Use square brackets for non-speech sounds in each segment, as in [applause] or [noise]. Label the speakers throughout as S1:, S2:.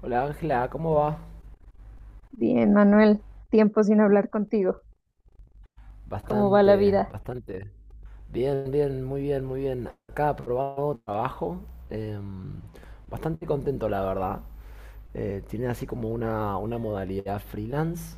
S1: Hola Ángela, ¿cómo va?
S2: Bien, Manuel, tiempo sin hablar contigo. ¿Cómo va la
S1: Bastante,
S2: vida?
S1: bastante. Bien, bien, muy bien, muy bien. Acá probando trabajo. em, Bastante contento, la verdad. Tiene así como una modalidad freelance.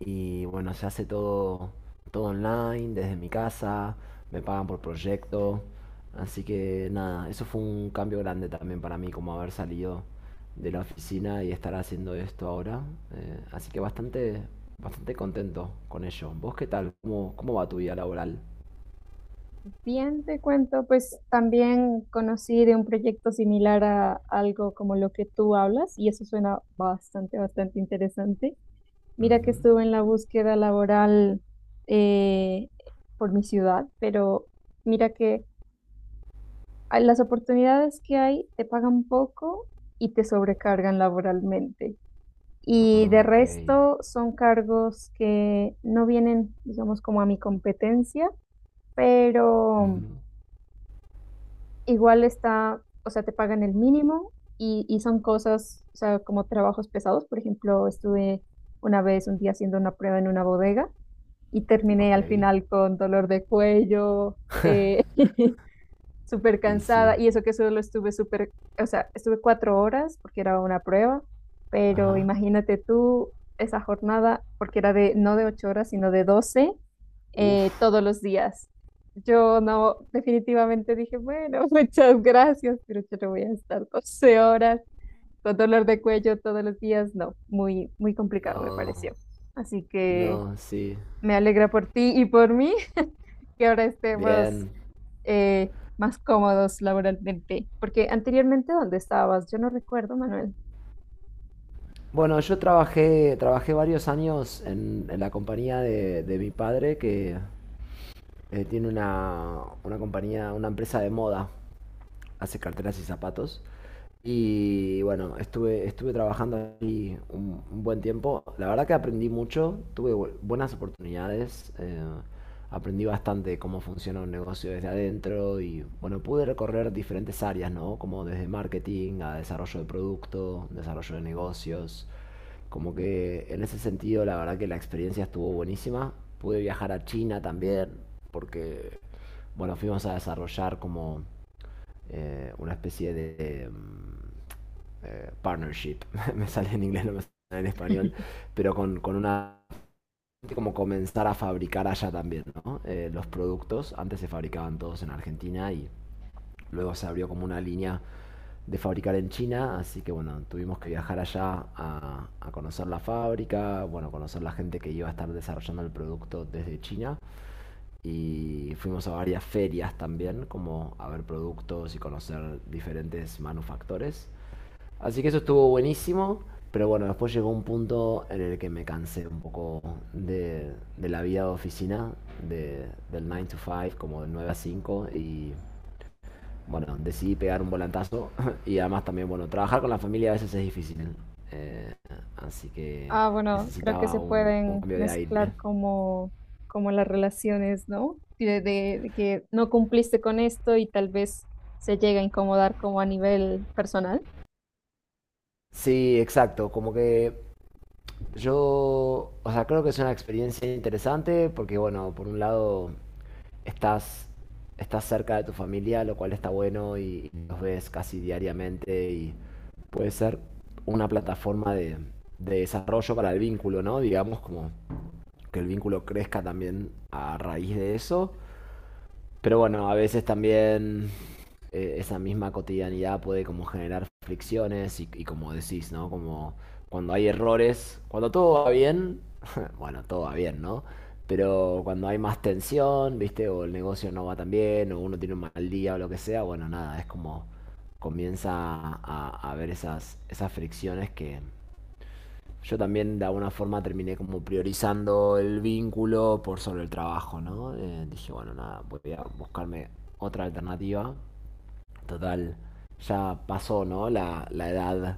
S1: Y bueno, se hace todo online, desde mi casa, me pagan por proyecto. Así que nada, eso fue un cambio grande también para mí, como haber salido de la oficina y estar haciendo esto ahora. Así que bastante, bastante contento con ello. ¿Vos qué tal? ¿Cómo va tu vida laboral?
S2: Bien, te cuento, pues también conocí de un proyecto similar a algo como lo que tú hablas y eso suena bastante, bastante interesante. Mira que
S1: Ujú.
S2: estuve en la búsqueda laboral eh, por mi ciudad, pero mira que las oportunidades que hay te pagan poco y te sobrecargan laboralmente. Y de
S1: Ah, ok.
S2: resto son cargos que no vienen, digamos, como a mi competencia, pero
S1: Ujú.
S2: igual está, o sea, te pagan el mínimo y son cosas, o sea, como trabajos pesados. Por ejemplo, estuve una vez un día haciendo una prueba en una bodega y terminé
S1: Ok.
S2: al final con dolor de cuello. eh, [laughs] Súper
S1: Y sí.
S2: cansada y eso que solo estuve súper, o sea, estuve 4 horas porque era una prueba, pero
S1: Ajá.
S2: imagínate tú esa jornada porque era de no de 8 horas, sino de 12
S1: Uf.
S2: todos los días. Yo no, definitivamente dije, bueno, [laughs] muchas gracias, pero yo no voy a estar 12 horas con dolor de cuello todos los días. No, muy, muy complicado me
S1: No.
S2: pareció. Así que
S1: No, sí.
S2: me alegra por ti y por mí [laughs] que ahora estemos
S1: Bien.
S2: más cómodos laboralmente. Porque anteriormente, ¿dónde estabas? Yo no recuerdo, Manuel.
S1: Bueno, yo trabajé varios años en la compañía de mi padre que tiene una compañía, una empresa de moda, hace carteras y zapatos. Y bueno, estuve trabajando ahí un buen tiempo. La verdad que aprendí mucho, tuve buenas oportunidades. Aprendí bastante cómo funciona un negocio desde adentro y bueno, pude recorrer diferentes áreas, ¿no? Como desde marketing a desarrollo de producto, desarrollo de negocios. Como que en ese sentido, la verdad que la experiencia estuvo buenísima. Pude viajar a China también, porque, bueno, fuimos a desarrollar como una especie de partnership, [laughs] me sale en inglés, no me sale en español, pero con una, como comenzar a fabricar allá también, ¿no? Los productos antes se fabricaban todos en Argentina, y luego se abrió como una línea de fabricar en China, así que bueno, tuvimos que viajar allá a conocer la fábrica, bueno, conocer la gente que iba a estar desarrollando el producto desde China. Y fuimos a varias ferias también, como a ver productos y conocer diferentes manufactores. Así que eso estuvo buenísimo, pero bueno, después llegó un punto en el que me cansé un poco de la vida de oficina, de, del 9 to 5, como del 9 a cinco, y bueno, decidí pegar un volantazo [laughs] y además también, bueno, trabajar con la familia a veces es difícil. eh, Así que
S2: Ah, bueno, creo que
S1: necesitaba
S2: se
S1: un
S2: pueden
S1: cambio de aire.
S2: mezclar como, como las relaciones, ¿no? De que no cumpliste con esto y tal vez se llega a incomodar como a nivel personal.
S1: Sí, exacto, como que yo, o sea, creo que es una experiencia interesante porque, bueno, por un lado estás, estás cerca de tu familia, lo cual está bueno, y los ves casi diariamente y puede ser una plataforma de desarrollo para el vínculo, ¿no? Digamos, como que el vínculo crezca también a raíz de eso. Pero bueno, a veces también esa misma cotidianidad puede como generar fricciones y como decís, ¿no? Como cuando hay errores, cuando todo va bien, [laughs] bueno, todo va bien, ¿no? Pero cuando hay más tensión, ¿viste? O el negocio no va tan bien, o uno tiene un mal día o lo que sea, bueno, nada, es como, comienza a ver esas, fricciones que, yo también de alguna forma terminé como priorizando el vínculo por sobre el trabajo, ¿no? Dije, bueno, nada, voy a buscarme otra alternativa. Total, ya pasó, ¿no? La edad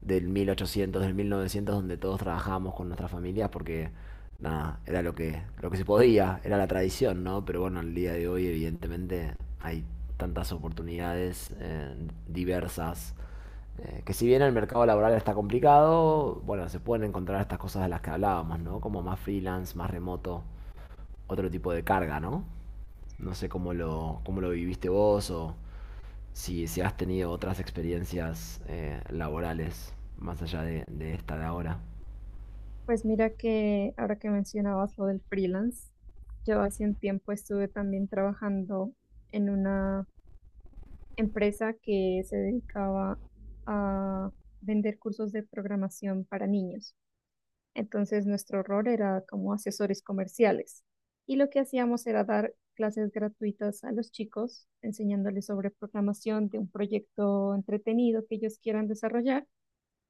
S1: del 1800, del 1900, donde todos trabajábamos con nuestras familias porque, nada, era lo que se podía, era la tradición, ¿no? Pero bueno, el día de hoy, evidentemente, hay tantas oportunidades diversas. Que si bien el mercado laboral está complicado, bueno, se pueden encontrar estas cosas de las que hablábamos, ¿no? Como más freelance, más remoto, otro tipo de carga, ¿no? No sé cómo lo viviste vos, o si has tenido otras experiencias laborales más allá de esta de ahora.
S2: Pues mira que ahora que mencionabas lo del freelance, yo hace un tiempo estuve también trabajando en una empresa que se dedicaba a vender cursos de programación para niños. Entonces nuestro rol era como asesores comerciales y lo que hacíamos era dar clases gratuitas a los chicos, enseñándoles sobre programación de un proyecto entretenido que ellos quieran desarrollar,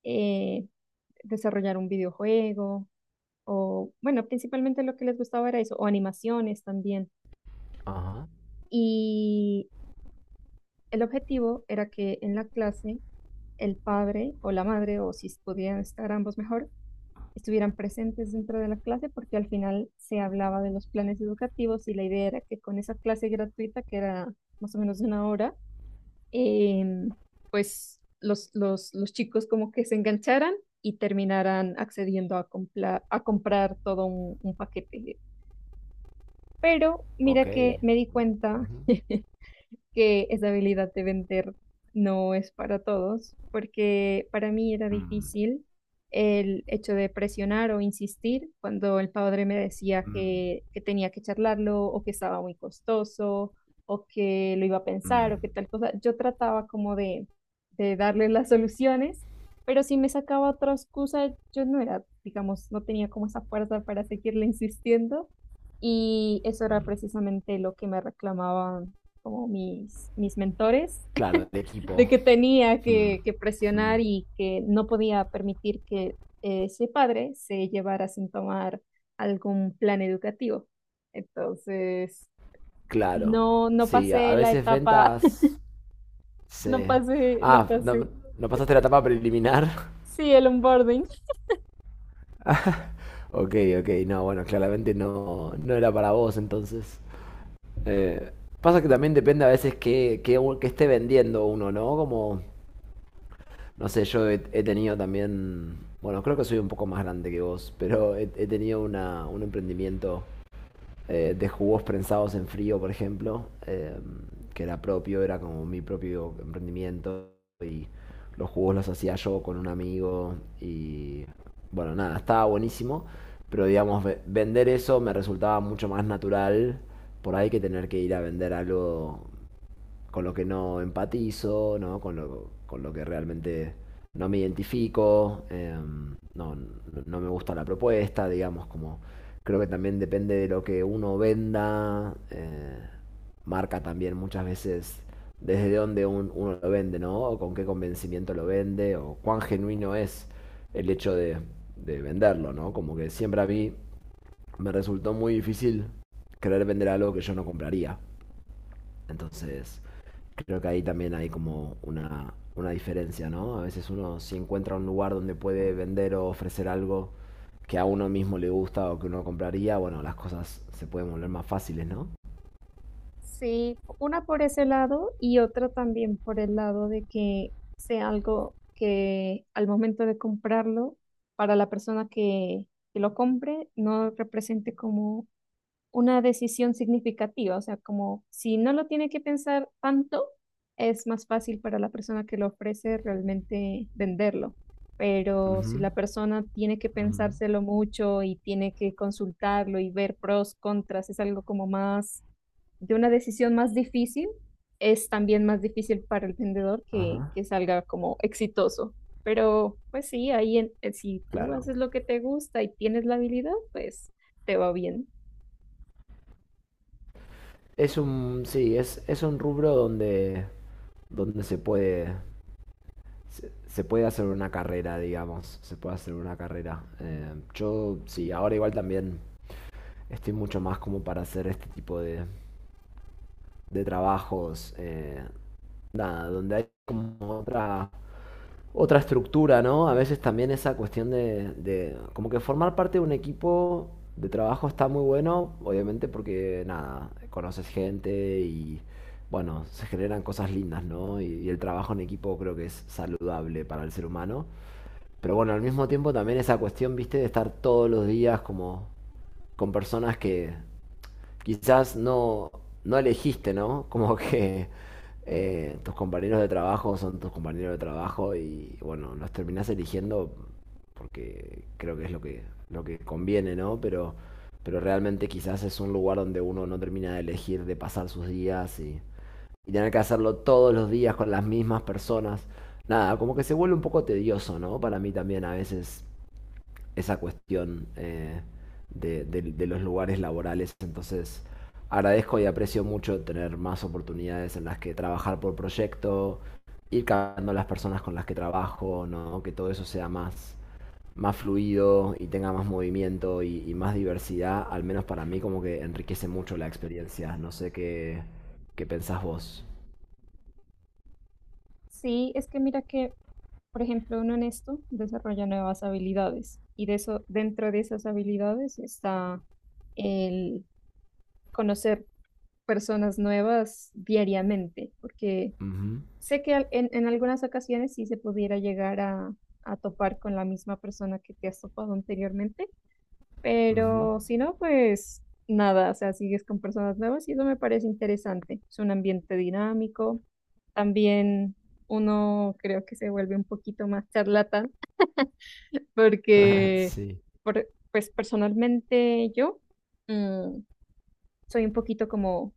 S2: eh, desarrollar un videojuego o, bueno, principalmente lo que les gustaba era eso, o animaciones también.
S1: Ajá.
S2: Y El objetivo era que en la clase el padre o la madre, o si podían estar ambos mejor, estuvieran presentes dentro de la clase porque al final se hablaba de los planes educativos y la idea era que con esa clase gratuita, que era más o menos de 1 hora, em, pues los chicos como que se engancharan y terminaran accediendo a comprar todo un paquete. Pero
S1: Ok.
S2: mira que me di cuenta
S1: Ujú.
S2: [laughs] que esa habilidad de vender no es para todos, porque para mí era
S1: Mm,
S2: difícil el hecho de presionar o insistir cuando el padre me decía
S1: mm,
S2: que tenía que charlarlo o que estaba muy costoso o que lo iba a pensar o
S1: mm.
S2: que tal cosa. Yo trataba como de darle las soluciones, pero si me sacaba otra excusa, yo no era, digamos, no tenía como esa fuerza para seguirle insistiendo. Y eso era precisamente lo que me reclamaba como mis mentores,
S1: Claro, el
S2: [laughs] de
S1: equipo.
S2: que tenía
S1: Mm,
S2: que presionar
S1: mm.
S2: y que no podía permitir que ese padre se llevara sin tomar algún plan educativo. Entonces,
S1: Claro.
S2: no, no
S1: Sí, a
S2: pasé la
S1: veces
S2: etapa,
S1: ventas...
S2: [laughs]
S1: Sí.
S2: no pasé, no
S1: Ah, no,
S2: pasé.
S1: no pasaste la etapa preliminar. [laughs]
S2: Sí, el onboarding.
S1: Ok, ok, no, bueno, claramente no, no era para vos entonces. Eh, Pasa que también depende a veces esté vendiendo uno, ¿no? Como, no sé, yo he tenido también, bueno, creo que soy un poco más grande que vos, pero he tenido un emprendimiento de jugos prensados en frío, por ejemplo, que era propio, era como mi propio emprendimiento, y los jugos los hacía yo con un amigo, y bueno, nada, estaba buenísimo, pero digamos, vender eso me resultaba mucho más natural por ahí que tener que ir a vender algo con lo que no empatizo, ¿no? Con lo que realmente no me identifico. No, no me gusta la propuesta, digamos, como, creo que también depende de lo que uno venda. Marca también muchas veces desde dónde uno lo vende, ¿no? O con qué convencimiento lo vende, o cuán genuino es el hecho de venderlo, ¿no? Como que siempre a mí me resultó muy difícil querer vender algo que yo no compraría. Entonces, creo que ahí también hay como una diferencia, ¿no? A veces, uno, si encuentra un lugar donde puede vender o ofrecer algo que a uno mismo le gusta o que uno compraría, bueno, las cosas se pueden volver más fáciles, ¿no?
S2: Sí, una por ese lado y otra también por el lado de que sea algo que al momento de comprarlo, para la persona que lo compre, no represente como una decisión significativa. O sea, como si no lo tiene que pensar tanto, es más fácil para la persona que lo ofrece realmente venderlo. Pero si
S1: Ujú,
S2: la persona tiene que
S1: ujú.
S2: pensárselo mucho y tiene que consultarlo y ver pros, contras, es algo como más de una decisión más difícil, es también más difícil para el vendedor que,
S1: Ajá,
S2: que salga como exitoso. Pero pues sí, ahí si tú
S1: claro.
S2: haces lo que te gusta y tienes la habilidad, pues te va bien.
S1: Es un, sí, es un rubro donde, donde se puede, se puede hacer una carrera, digamos, se puede hacer una carrera. Yo, sí, ahora igual también estoy mucho más como para hacer este tipo de trabajos. Nada, donde hay como otra estructura, ¿no? A veces también esa cuestión de como que formar parte de un equipo de trabajo está muy bueno, obviamente, porque, nada, conoces gente y, bueno, se generan cosas lindas, ¿no? Y el trabajo en equipo creo que es saludable para el ser humano. Pero bueno, al mismo tiempo también esa cuestión, viste, de estar todos los días como con personas que quizás no elegiste, ¿no? [laughs] Como que tus compañeros de trabajo son tus compañeros de trabajo y bueno, los terminás eligiendo porque creo que es lo que conviene, ¿no? Pero realmente quizás es un lugar donde uno no termina de elegir, de pasar sus días y tener que hacerlo todos los días con las mismas personas. Nada, como que se vuelve un poco tedioso, ¿no? Para mí también a veces esa cuestión de los lugares laborales. Entonces, agradezco y aprecio mucho tener más oportunidades en las que trabajar por proyecto, ir cambiando las personas con las que trabajo, ¿no? Que todo eso sea más fluido y tenga más movimiento y más diversidad, al menos para mí como que enriquece mucho la experiencia. No sé qué pensás vos.
S2: Sí, es que mira que, por ejemplo, uno en esto desarrolla nuevas habilidades y de eso, dentro de esas habilidades está el conocer personas nuevas diariamente, porque
S1: Ujú,
S2: sé que en algunas ocasiones sí se pudiera llegar a topar con la misma persona que te has topado anteriormente,
S1: ujú.
S2: pero si no, pues nada, o sea, sigues con personas nuevas y eso me parece interesante. Es un ambiente dinámico, también uno creo que se vuelve un poquito más charlatán [laughs]
S1: [laughs]
S2: porque,
S1: Sí.
S2: pues personalmente yo mm, soy un poquito como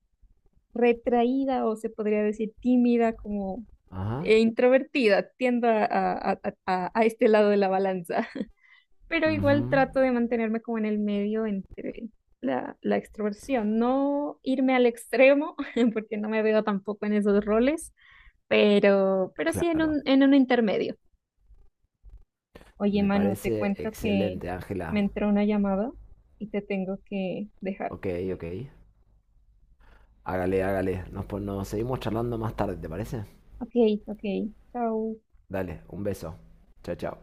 S2: retraída o se podría decir tímida, como
S1: Ajá.
S2: e introvertida, tiendo a este lado de la balanza, [laughs] pero igual
S1: Ujú.
S2: trato de mantenerme como en el medio entre la, la extroversión, no irme al extremo, [laughs] porque no me veo tampoco en esos roles, pero sí en
S1: Claro.
S2: un intermedio. Oye,
S1: Me
S2: Manu, te
S1: parece
S2: cuento que
S1: excelente, Ángela.
S2: me entró una llamada y te tengo que dejar.
S1: Ok, ok. Hágale, hágale. Nos seguimos charlando más tarde, ¿te parece?
S2: Ok, ok, chao.
S1: Dale, un beso. Chao, chao.